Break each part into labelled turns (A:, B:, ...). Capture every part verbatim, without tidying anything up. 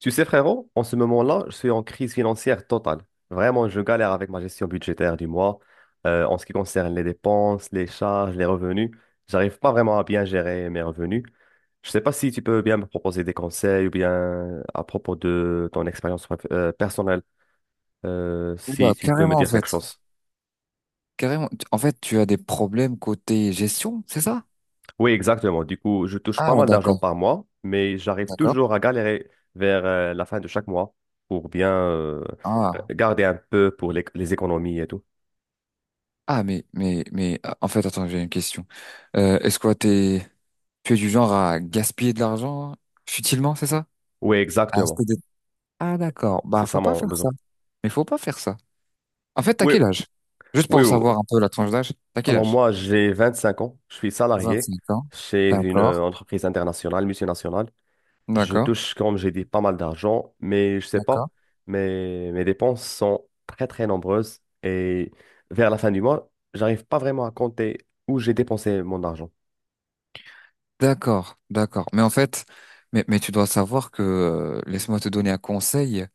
A: Tu sais, frérot, en ce moment-là, je suis en crise financière totale. Vraiment, je galère avec ma gestion budgétaire du mois. Euh, en ce qui concerne les dépenses, les charges, les revenus, j'arrive pas vraiment à bien gérer mes revenus. Je sais pas si tu peux bien me proposer des conseils ou bien à propos de ton expérience prof- euh, personnelle, euh, si
B: Oula,
A: tu peux me
B: carrément en
A: dire quelque
B: fait.
A: chose.
B: Carrément. Tu- En fait, tu as des problèmes côté gestion, c'est ça?
A: Oui, exactement. Du coup, je touche
B: Ah,
A: pas mal d'argent
B: d'accord,
A: par mois, mais j'arrive
B: d'accord.
A: toujours à galérer vers euh, la fin de chaque mois pour bien euh, euh,
B: Ah,
A: garder un peu pour les les économies et tout.
B: ah, mais, mais, mais, ah, en fait, attends, j'ai une question. Euh, est-ce que t'es, tu es du genre à gaspiller de l'argent futilement, c'est ça?
A: Oui,
B: Ah,
A: exactement.
B: c'était des- Ah, d'accord.
A: C'est
B: Bah,
A: ça
B: faut pas
A: mon
B: faire
A: besoin.
B: ça. Mais faut pas faire ça. En fait, t'as
A: Oui,
B: quel âge? Juste
A: oui,
B: pour
A: oui.
B: savoir un peu la tranche d'âge, t'as quel
A: Alors
B: âge?
A: moi, j'ai vingt-cinq ans. Je suis salarié
B: vingt-cinq ans.
A: chez une euh,
B: D'accord,
A: entreprise internationale, multinationale. Je
B: d'accord,
A: touche, comme j'ai dit, pas mal d'argent, mais je sais
B: d'accord.
A: pas, mes, mes dépenses sont très, très nombreuses. Et vers la fin du mois, j'arrive pas vraiment à compter où j'ai dépensé mon argent.
B: D'accord, d'accord. Mais en fait, mais, mais tu dois savoir que, euh, laisse-moi te donner un conseil,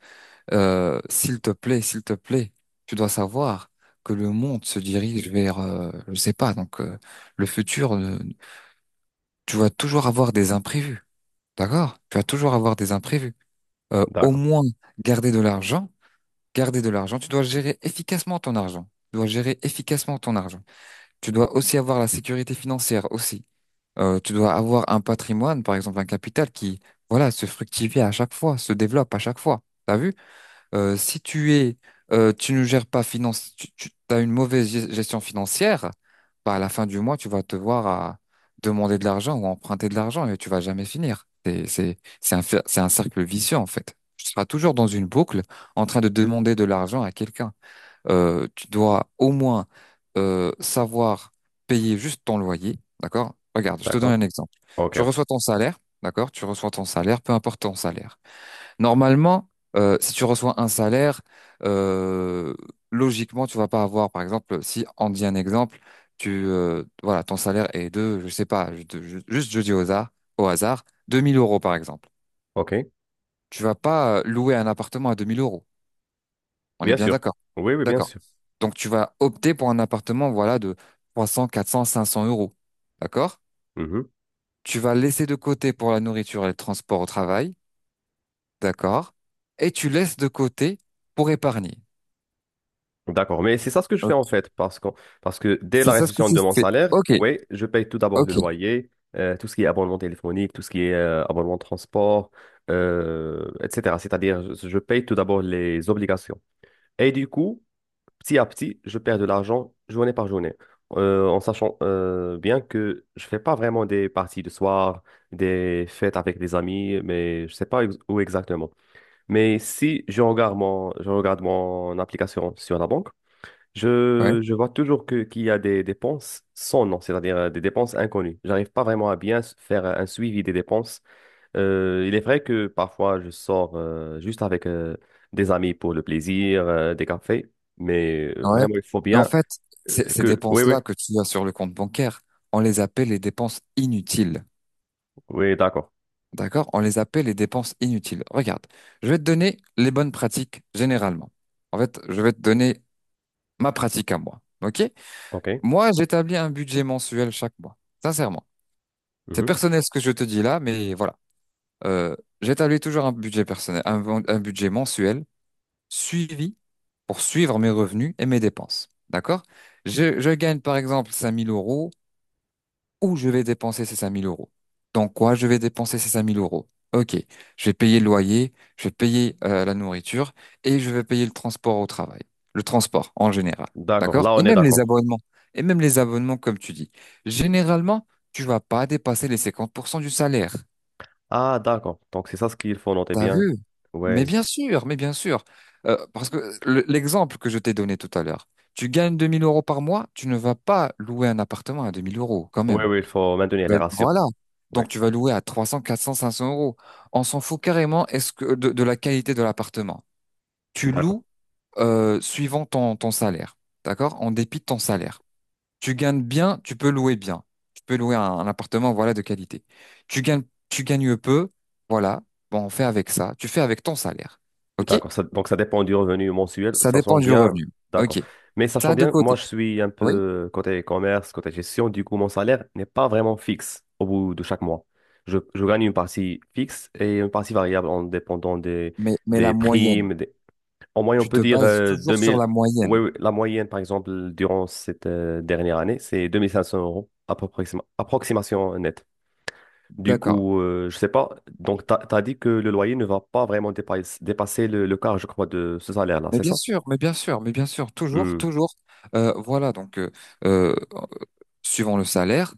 B: euh, s'il te plaît, s'il te plaît, tu dois savoir que le monde se dirige vers, euh, je sais pas, donc euh, le futur, euh, tu vas toujours avoir des imprévus, d'accord? Tu vas toujours avoir des imprévus. Euh, au
A: D'accord,
B: moins, garder de l'argent, garder de l'argent, tu dois gérer efficacement ton argent. Tu dois gérer efficacement ton argent. Tu dois aussi avoir la sécurité financière aussi. Euh, tu dois avoir un patrimoine, par exemple un capital qui, voilà, se fructifie à chaque fois, se développe à chaque fois. T'as vu? Euh, si tu es, euh, Tu ne gères pas finance, tu, tu as une mauvaise ge- gestion financière. Bah, à la fin du mois, tu vas te voir à demander de l'argent ou emprunter de l'argent et tu vas jamais finir. C'est, c'est, c'est un, fer- c'est un cercle vicieux, en fait. Tu seras toujours dans une boucle en train de demander de l'argent à quelqu'un. Euh, tu dois au moins euh, savoir payer juste ton loyer, d'accord? Regarde, je te donne
A: d'accord.
B: un exemple.
A: Ok,
B: Tu
A: ok.
B: reçois ton salaire, d'accord? Tu reçois ton salaire, peu importe ton salaire. Normalement, euh, si tu reçois un salaire, euh, logiquement, tu vas pas avoir, par exemple, si on dit un exemple, tu, euh, voilà, ton salaire est de, je sais pas, je- je- juste je dis au hasard, au hasard, deux mille euros par exemple.
A: Ok,
B: Tu vas pas euh, louer un appartement à deux mille euros. On est
A: bien
B: bien
A: sûr.
B: d'accord.
A: Oui, oui, bien
B: D'accord.
A: sûr.
B: Donc tu vas opter pour un appartement, voilà, de trois cents quatre cents cinq cents euros. D'accord?
A: Mhm.
B: Tu vas laisser de côté pour la nourriture et le transport au travail. D'accord? Et tu laisses de côté pour épargner.
A: D'accord, mais c'est ça ce que je fais
B: Ok.
A: en fait, parce que, parce que dès
B: C'est
A: la
B: ça ce que
A: réception
B: tu
A: de mon
B: fais.
A: salaire,
B: Ok,
A: oui, je paye tout d'abord le
B: ok,
A: loyer, euh, tout ce qui est abonnement téléphonique, tout ce qui est euh, abonnement de transport, euh, et cetera. C'est-à-dire, je je paye tout d'abord les obligations. Et du coup, petit à petit, je perds de l'argent journée par journée. Euh, en sachant euh, bien que je fais pas vraiment des parties de soir, des fêtes avec des amis, mais je sais pas ex- où exactement. Mais si je regarde mon, je regarde mon application sur la banque,
B: ouais,
A: je, je vois toujours que, qu'il y a des dépenses sans nom, c'est-à-dire euh, des dépenses inconnues. J'arrive pas vraiment à bien s- faire euh, un suivi des dépenses. Euh, il est vrai que parfois je sors euh, juste avec euh, des amis pour le plaisir, euh, des cafés, mais euh,
B: ouais.
A: vraiment il faut
B: Mais en
A: bien
B: fait,
A: euh,
B: ces ces
A: que... Oui, oui,
B: dépenses-là que tu as sur le compte bancaire, on les appelle les dépenses inutiles.
A: oui, d'accord.
B: D'accord? On les appelle les dépenses inutiles. Regarde, je vais te donner les bonnes pratiques généralement. En fait, je vais te donner ma pratique à moi. Ok?
A: OK.
B: Moi, j'établis un budget mensuel chaque mois, sincèrement. C'est
A: Mhm.
B: personnel ce que je te dis là, mais voilà. Euh, J'établis toujours un budget personnel, un, un budget mensuel suivi pour suivre mes revenus et mes dépenses. D'accord? Je, je gagne par exemple cinq mille euros où je vais dépenser ces cinq mille euros. Dans quoi je vais dépenser ces cinq mille euros? Ok, je vais payer le loyer, je vais payer euh, la nourriture et je vais payer le transport au travail. Le transport en général,
A: D'accord,
B: d'accord?
A: là
B: Et
A: on est
B: même les
A: d'accord.
B: abonnements. Et même les abonnements, comme tu dis. Généralement, tu vas pas dépasser les cinquante pour cent du salaire.
A: Ah, d'accord. Donc c'est ça ce qu'il faut noter
B: T'as
A: bien.
B: vu? Mais
A: Oui,
B: bien sûr, mais bien sûr. Euh, parce que le- l'exemple que je t'ai donné tout à l'heure, tu gagnes deux mille euros par mois, tu ne vas pas louer un appartement à deux mille euros quand
A: oui,
B: même.
A: oui, il faut maintenir
B: Tu
A: les ratios.
B: Voilà.
A: Oui,
B: Donc tu vas louer à trois cents, quatre cents, cinq cents euros. On s'en fout carrément est-ce que de, de la qualité de l'appartement. Tu
A: d'accord.
B: loues euh, suivant ton, ton salaire, d'accord? En dépit de ton salaire. Tu gagnes bien, tu peux louer bien. Tu peux louer un, un appartement, voilà, de qualité. Tu gagnes, tu gagnes peu, voilà. Bon, on fait avec ça. Tu fais avec ton salaire. OK?
A: D'accord, ça- donc ça dépend du revenu mensuel,
B: Ça
A: ça sent
B: dépend du
A: bien,
B: revenu.
A: d'accord.
B: OK.
A: Mais sachant
B: Ça de
A: bien, moi
B: côté.
A: je suis un
B: Oui,
A: peu côté commerce, côté gestion, du coup mon salaire n'est pas vraiment fixe au bout de chaque mois. Je, je gagne une partie fixe et une partie variable en dépendant des,
B: mais, mais
A: des
B: la moyenne.
A: primes, en moyenne on
B: Tu
A: peut
B: te
A: dire
B: bases
A: euh,
B: toujours sur la
A: deux mille. Oui,
B: moyenne.
A: oui, la moyenne, par exemple, durant cette euh, dernière année, c'est deux mille cinq cents euros, approxima- approximation nette. Du
B: D'accord.
A: coup, euh, je sais pas. Donc, tu as, dit que le loyer ne va pas vraiment dépa- dépasser le, le quart, je crois, de ce salaire-là,
B: Mais
A: c'est
B: bien
A: ça?
B: sûr, mais bien sûr, mais bien sûr, toujours,
A: Hmm,
B: toujours. Euh, voilà, donc euh, euh, suivant le salaire,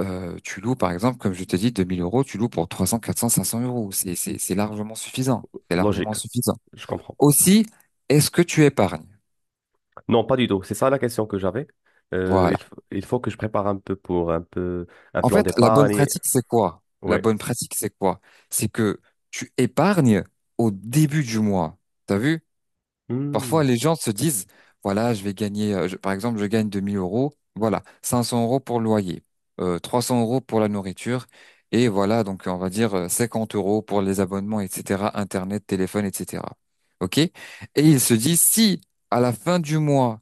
B: euh, tu loues par exemple, comme je t'ai dit, deux mille euros, tu loues pour trois cents, quatre cents, cinq cents euros. C'est, c'est, c'est largement suffisant. C'est largement
A: logique.
B: suffisant.
A: Je comprends.
B: Aussi, est-ce que tu épargnes?
A: Non, pas du tout. C'est ça la question que j'avais. Euh, il,
B: Voilà.
A: f- il faut que je prépare un peu pour un peu un
B: En
A: plan
B: fait, la bonne
A: d'épargne.
B: pratique, c'est quoi? La
A: Oui.
B: bonne pratique, c'est quoi? C'est que tu épargnes au début du mois. T'as vu?
A: Hmm.
B: Parfois, les gens se disent, voilà, je vais gagner, euh, je- par exemple, je gagne deux mille euros, voilà, cinq cents euros pour le loyer, euh, trois cents euros pour la nourriture, et voilà, donc on va dire euh, cinquante euros pour les abonnements, et cetera, Internet, téléphone, et cetera. OK? Et ils se disent, si à la fin du mois,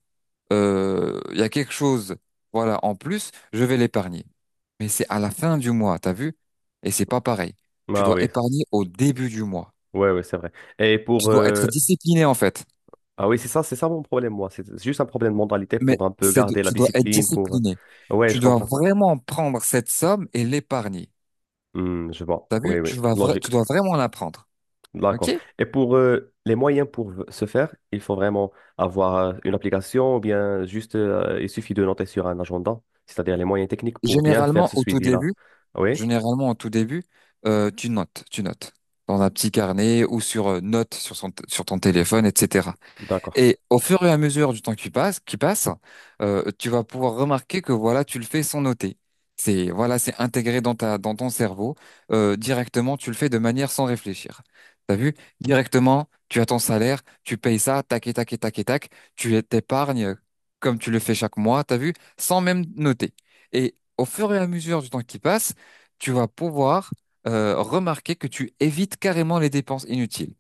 B: euh, il y a quelque chose, voilà, en plus, je vais l'épargner. Mais c'est à la fin du mois, t'as vu? Et c'est pas pareil. Tu
A: Ah
B: dois
A: oui.
B: épargner au début du mois.
A: Ouais, ouais, c'est vrai. Et
B: Tu
A: pour
B: dois
A: euh,
B: être discipliné, en fait.
A: Ah oui, c'est ça, c'est ça mon problème, moi. C'est c'est juste un problème de mentalité
B: Mais
A: pour un peu
B: c'est de-
A: garder la
B: tu dois être
A: discipline, pour... euh,
B: discipliné.
A: Ouais,
B: Tu
A: je
B: dois
A: comprends.
B: vraiment prendre cette somme et l'épargner.
A: Hmm, je vois.
B: T'as vu?
A: Oui, oui,
B: Tu vas vra-
A: logique.
B: tu dois vraiment la prendre. OK?
A: D'accord. Et pour euh, les moyens pour v- se faire, il faut vraiment avoir euh, une application ou bien juste, euh, il suffit de noter sur un agenda, c'est-à-dire les moyens techniques pour bien faire
B: Généralement,
A: ce
B: au tout
A: suivi-là.
B: début,
A: Oui,
B: généralement, au tout début, euh, tu notes, tu notes dans un petit carnet ou sur euh, notes sur son sur ton téléphone, et cetera.
A: d'accord.
B: Et au fur et à mesure du temps qui passe, qui passe, euh, tu vas pouvoir remarquer que voilà, tu le fais sans noter. C'est Voilà, c'est intégré dans ta dans ton cerveau, Euh, directement. Tu le fais de manière sans réfléchir. T'as vu? Directement, tu as ton salaire, tu payes ça, tac et tac et tac et tac. Tu t'épargnes comme tu le fais chaque mois. T'as vu? Sans même noter. Et au fur et à mesure du temps qui passe, tu vas pouvoir euh, remarquer que tu évites carrément les dépenses inutiles.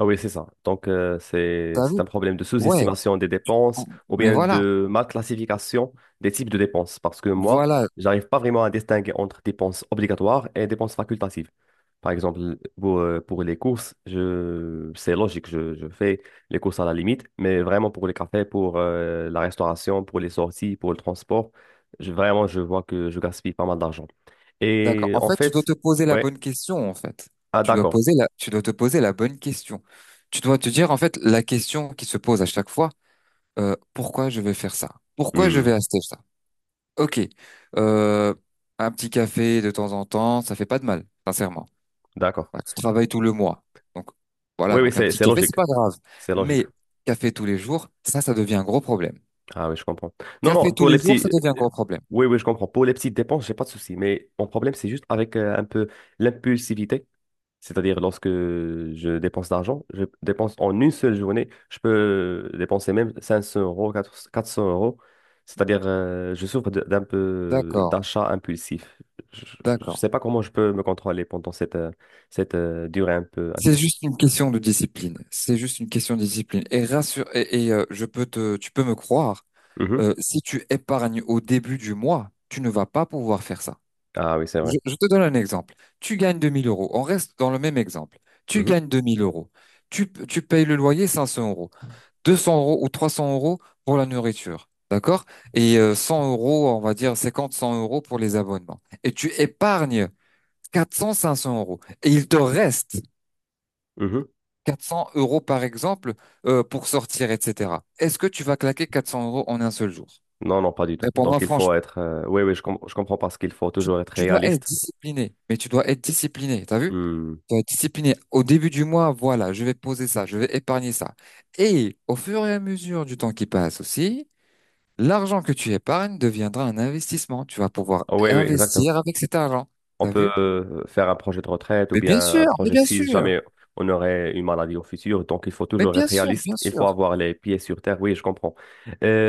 A: Ah oui, c'est ça. Donc, euh, c'est,
B: T'as
A: c'est
B: vu?
A: un problème de
B: Ouais.
A: sous-estimation des dépenses ou
B: Mais
A: bien
B: voilà.
A: de mal classification des types de dépenses. Parce que moi,
B: Voilà,
A: j'arrive pas vraiment à distinguer entre dépenses obligatoires et dépenses facultatives. Par exemple, pour, euh, pour les courses, je, c'est logique, je, je fais les courses à la limite, mais vraiment pour les cafés, pour euh, la restauration, pour les sorties, pour le transport, je, vraiment, je vois que je gaspille pas mal d'argent.
B: d'accord.
A: Et
B: En
A: en
B: fait, tu dois
A: fait,
B: te poser la
A: ouais,
B: bonne question, en fait.
A: ah
B: Tu dois
A: d'accord.
B: poser la, tu dois te poser la bonne question. Tu dois te dire, en fait, la question qui se pose à chaque fois, euh, pourquoi je vais faire ça? Pourquoi je
A: Hmm,
B: vais acheter ça? Ok, euh, un petit café de temps en temps, ça fait pas de mal, sincèrement.
A: d'accord.
B: Ouais, tu travailles tout le mois. Donc, voilà,
A: Oui, oui,
B: donc un
A: c'est
B: petit
A: c'est
B: café, c'est
A: logique.
B: pas grave.
A: C'est logique.
B: Mais café tous les jours, ça, ça devient un gros problème.
A: Ah oui, je comprends. Non,
B: Café
A: non,
B: tous
A: pour les
B: les jours, ça
A: petits...
B: devient un
A: euh,
B: gros problème.
A: Oui, oui, je comprends. Pour les petites dépenses, j'ai pas de souci. Mais mon problème, c'est juste avec euh, un peu l'impulsivité. C'est-à-dire, lorsque je dépense d'argent, je dépense en une seule journée, je peux dépenser même cinq cents euros, quatre cents euros. C'est-à-dire, euh, je souffre de- d'un peu
B: D'accord,
A: d'achat impulsif. Je ne
B: d'accord.
A: sais pas comment je peux me contrôler pendant cette, euh, cette euh, durée un peu
B: C'est
A: impulsive.
B: juste une question de discipline. C'est juste une question de discipline. Et rassure, et, et, euh, je peux te, tu peux me croire,
A: Mhm.
B: euh, si tu épargnes au début du mois, tu ne vas pas pouvoir faire ça.
A: Ah oui, c'est vrai.
B: Je, je te donne un exemple. Tu gagnes deux mille euros. On reste dans le même exemple. Tu
A: Mhm.
B: gagnes deux mille euros. Tu, tu payes le loyer cinq cents euros. deux cents euros ou trois cents euros pour la nourriture. D'accord? Et euh, cent euros, on va dire cinquante, cent euros pour les abonnements. Et tu épargnes quatre cents, cinq cents euros. Et il te reste
A: Mhm.
B: quatre cents euros, par exemple, euh, pour sortir, et cetera. Est-ce que tu vas claquer quatre cents euros en un seul jour?
A: Non, non, pas du tout.
B: Mais pour moi,
A: Donc, il faut
B: franchement,
A: être. Euh, Oui, oui, je, com- je comprends parce qu'il faut
B: tu,
A: toujours être
B: tu dois être
A: réaliste.
B: discipliné. Mais tu dois être discipliné. T'as vu?
A: Hmm.
B: Tu dois être discipliné. Au début du mois, voilà, je vais poser ça, je vais épargner ça. Et au fur et à mesure du temps qui passe aussi, l'argent que tu épargnes deviendra un investissement. Tu vas pouvoir
A: Ah oui, oui, exactement.
B: investir avec cet argent.
A: On
B: T'as
A: peut
B: vu?
A: euh, faire un projet de retraite ou
B: Mais bien
A: bien un
B: sûr, mais
A: projet
B: bien
A: si
B: sûr,
A: jamais on aurait une maladie au futur. Donc, il faut
B: mais
A: toujours être
B: bien sûr,
A: réaliste.
B: bien
A: Il faut
B: sûr.
A: avoir les pieds sur terre. Oui, je comprends.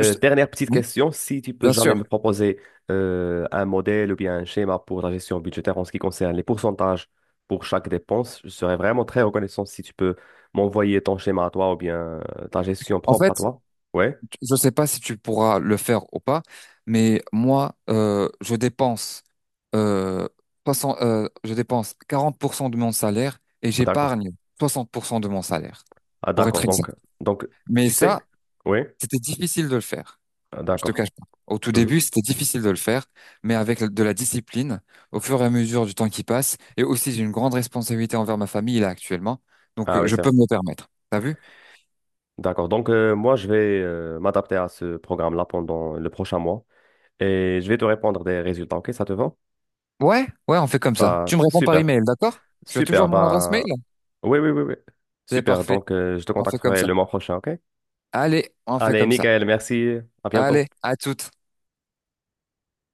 B: Je te-
A: Dernière petite
B: Oui,
A: question. Si tu peux
B: bien
A: jamais
B: sûr.
A: me proposer euh, un modèle ou bien un schéma pour la gestion budgétaire en ce qui concerne les pourcentages pour chaque dépense, je serais vraiment très reconnaissant si tu peux m'envoyer ton schéma à toi ou bien euh, ta gestion
B: En
A: propre à
B: fait,
A: toi. Oui.
B: je ne sais pas si tu pourras le faire ou pas, mais moi, euh, je dépense, euh, soixante euh, je dépense quarante pour cent de mon salaire et
A: Ah, d'accord.
B: j'épargne soixante pour cent de mon salaire,
A: Ah,
B: pour
A: d'accord.
B: être
A: Donc,
B: exact.
A: donc,
B: Mais
A: tu sais,
B: ça,
A: oui.
B: c'était difficile de le faire.
A: Ah,
B: Je te
A: d'accord.
B: cache pas. Au tout
A: Mhm.
B: début, c'était difficile de le faire, mais avec de la discipline, au fur et à mesure du temps qui passe, et aussi j'ai une grande responsabilité envers ma famille là actuellement, donc
A: Ah
B: euh,
A: oui,
B: je
A: c'est vrai.
B: peux me le permettre. T'as vu?
A: D'accord. Donc, euh, moi, je vais euh, m'adapter à ce programme-là pendant le prochain mois et je vais te répondre des résultats. OK, ça te va?
B: Ouais, ouais, on fait comme ça.
A: Bah,
B: Tu me réponds par
A: super.
B: email, d'accord? Tu as toujours
A: Super.
B: mon adresse
A: Bah,
B: mail?
A: oui, oui, oui, oui.
B: C'est
A: Super.
B: parfait.
A: Donc, euh, je te
B: On fait comme
A: contacterai
B: ça.
A: le mois prochain. OK?
B: Allez, on fait
A: Allez,
B: comme ça.
A: nickel. Merci. À
B: Allez,
A: bientôt.
B: à toutes.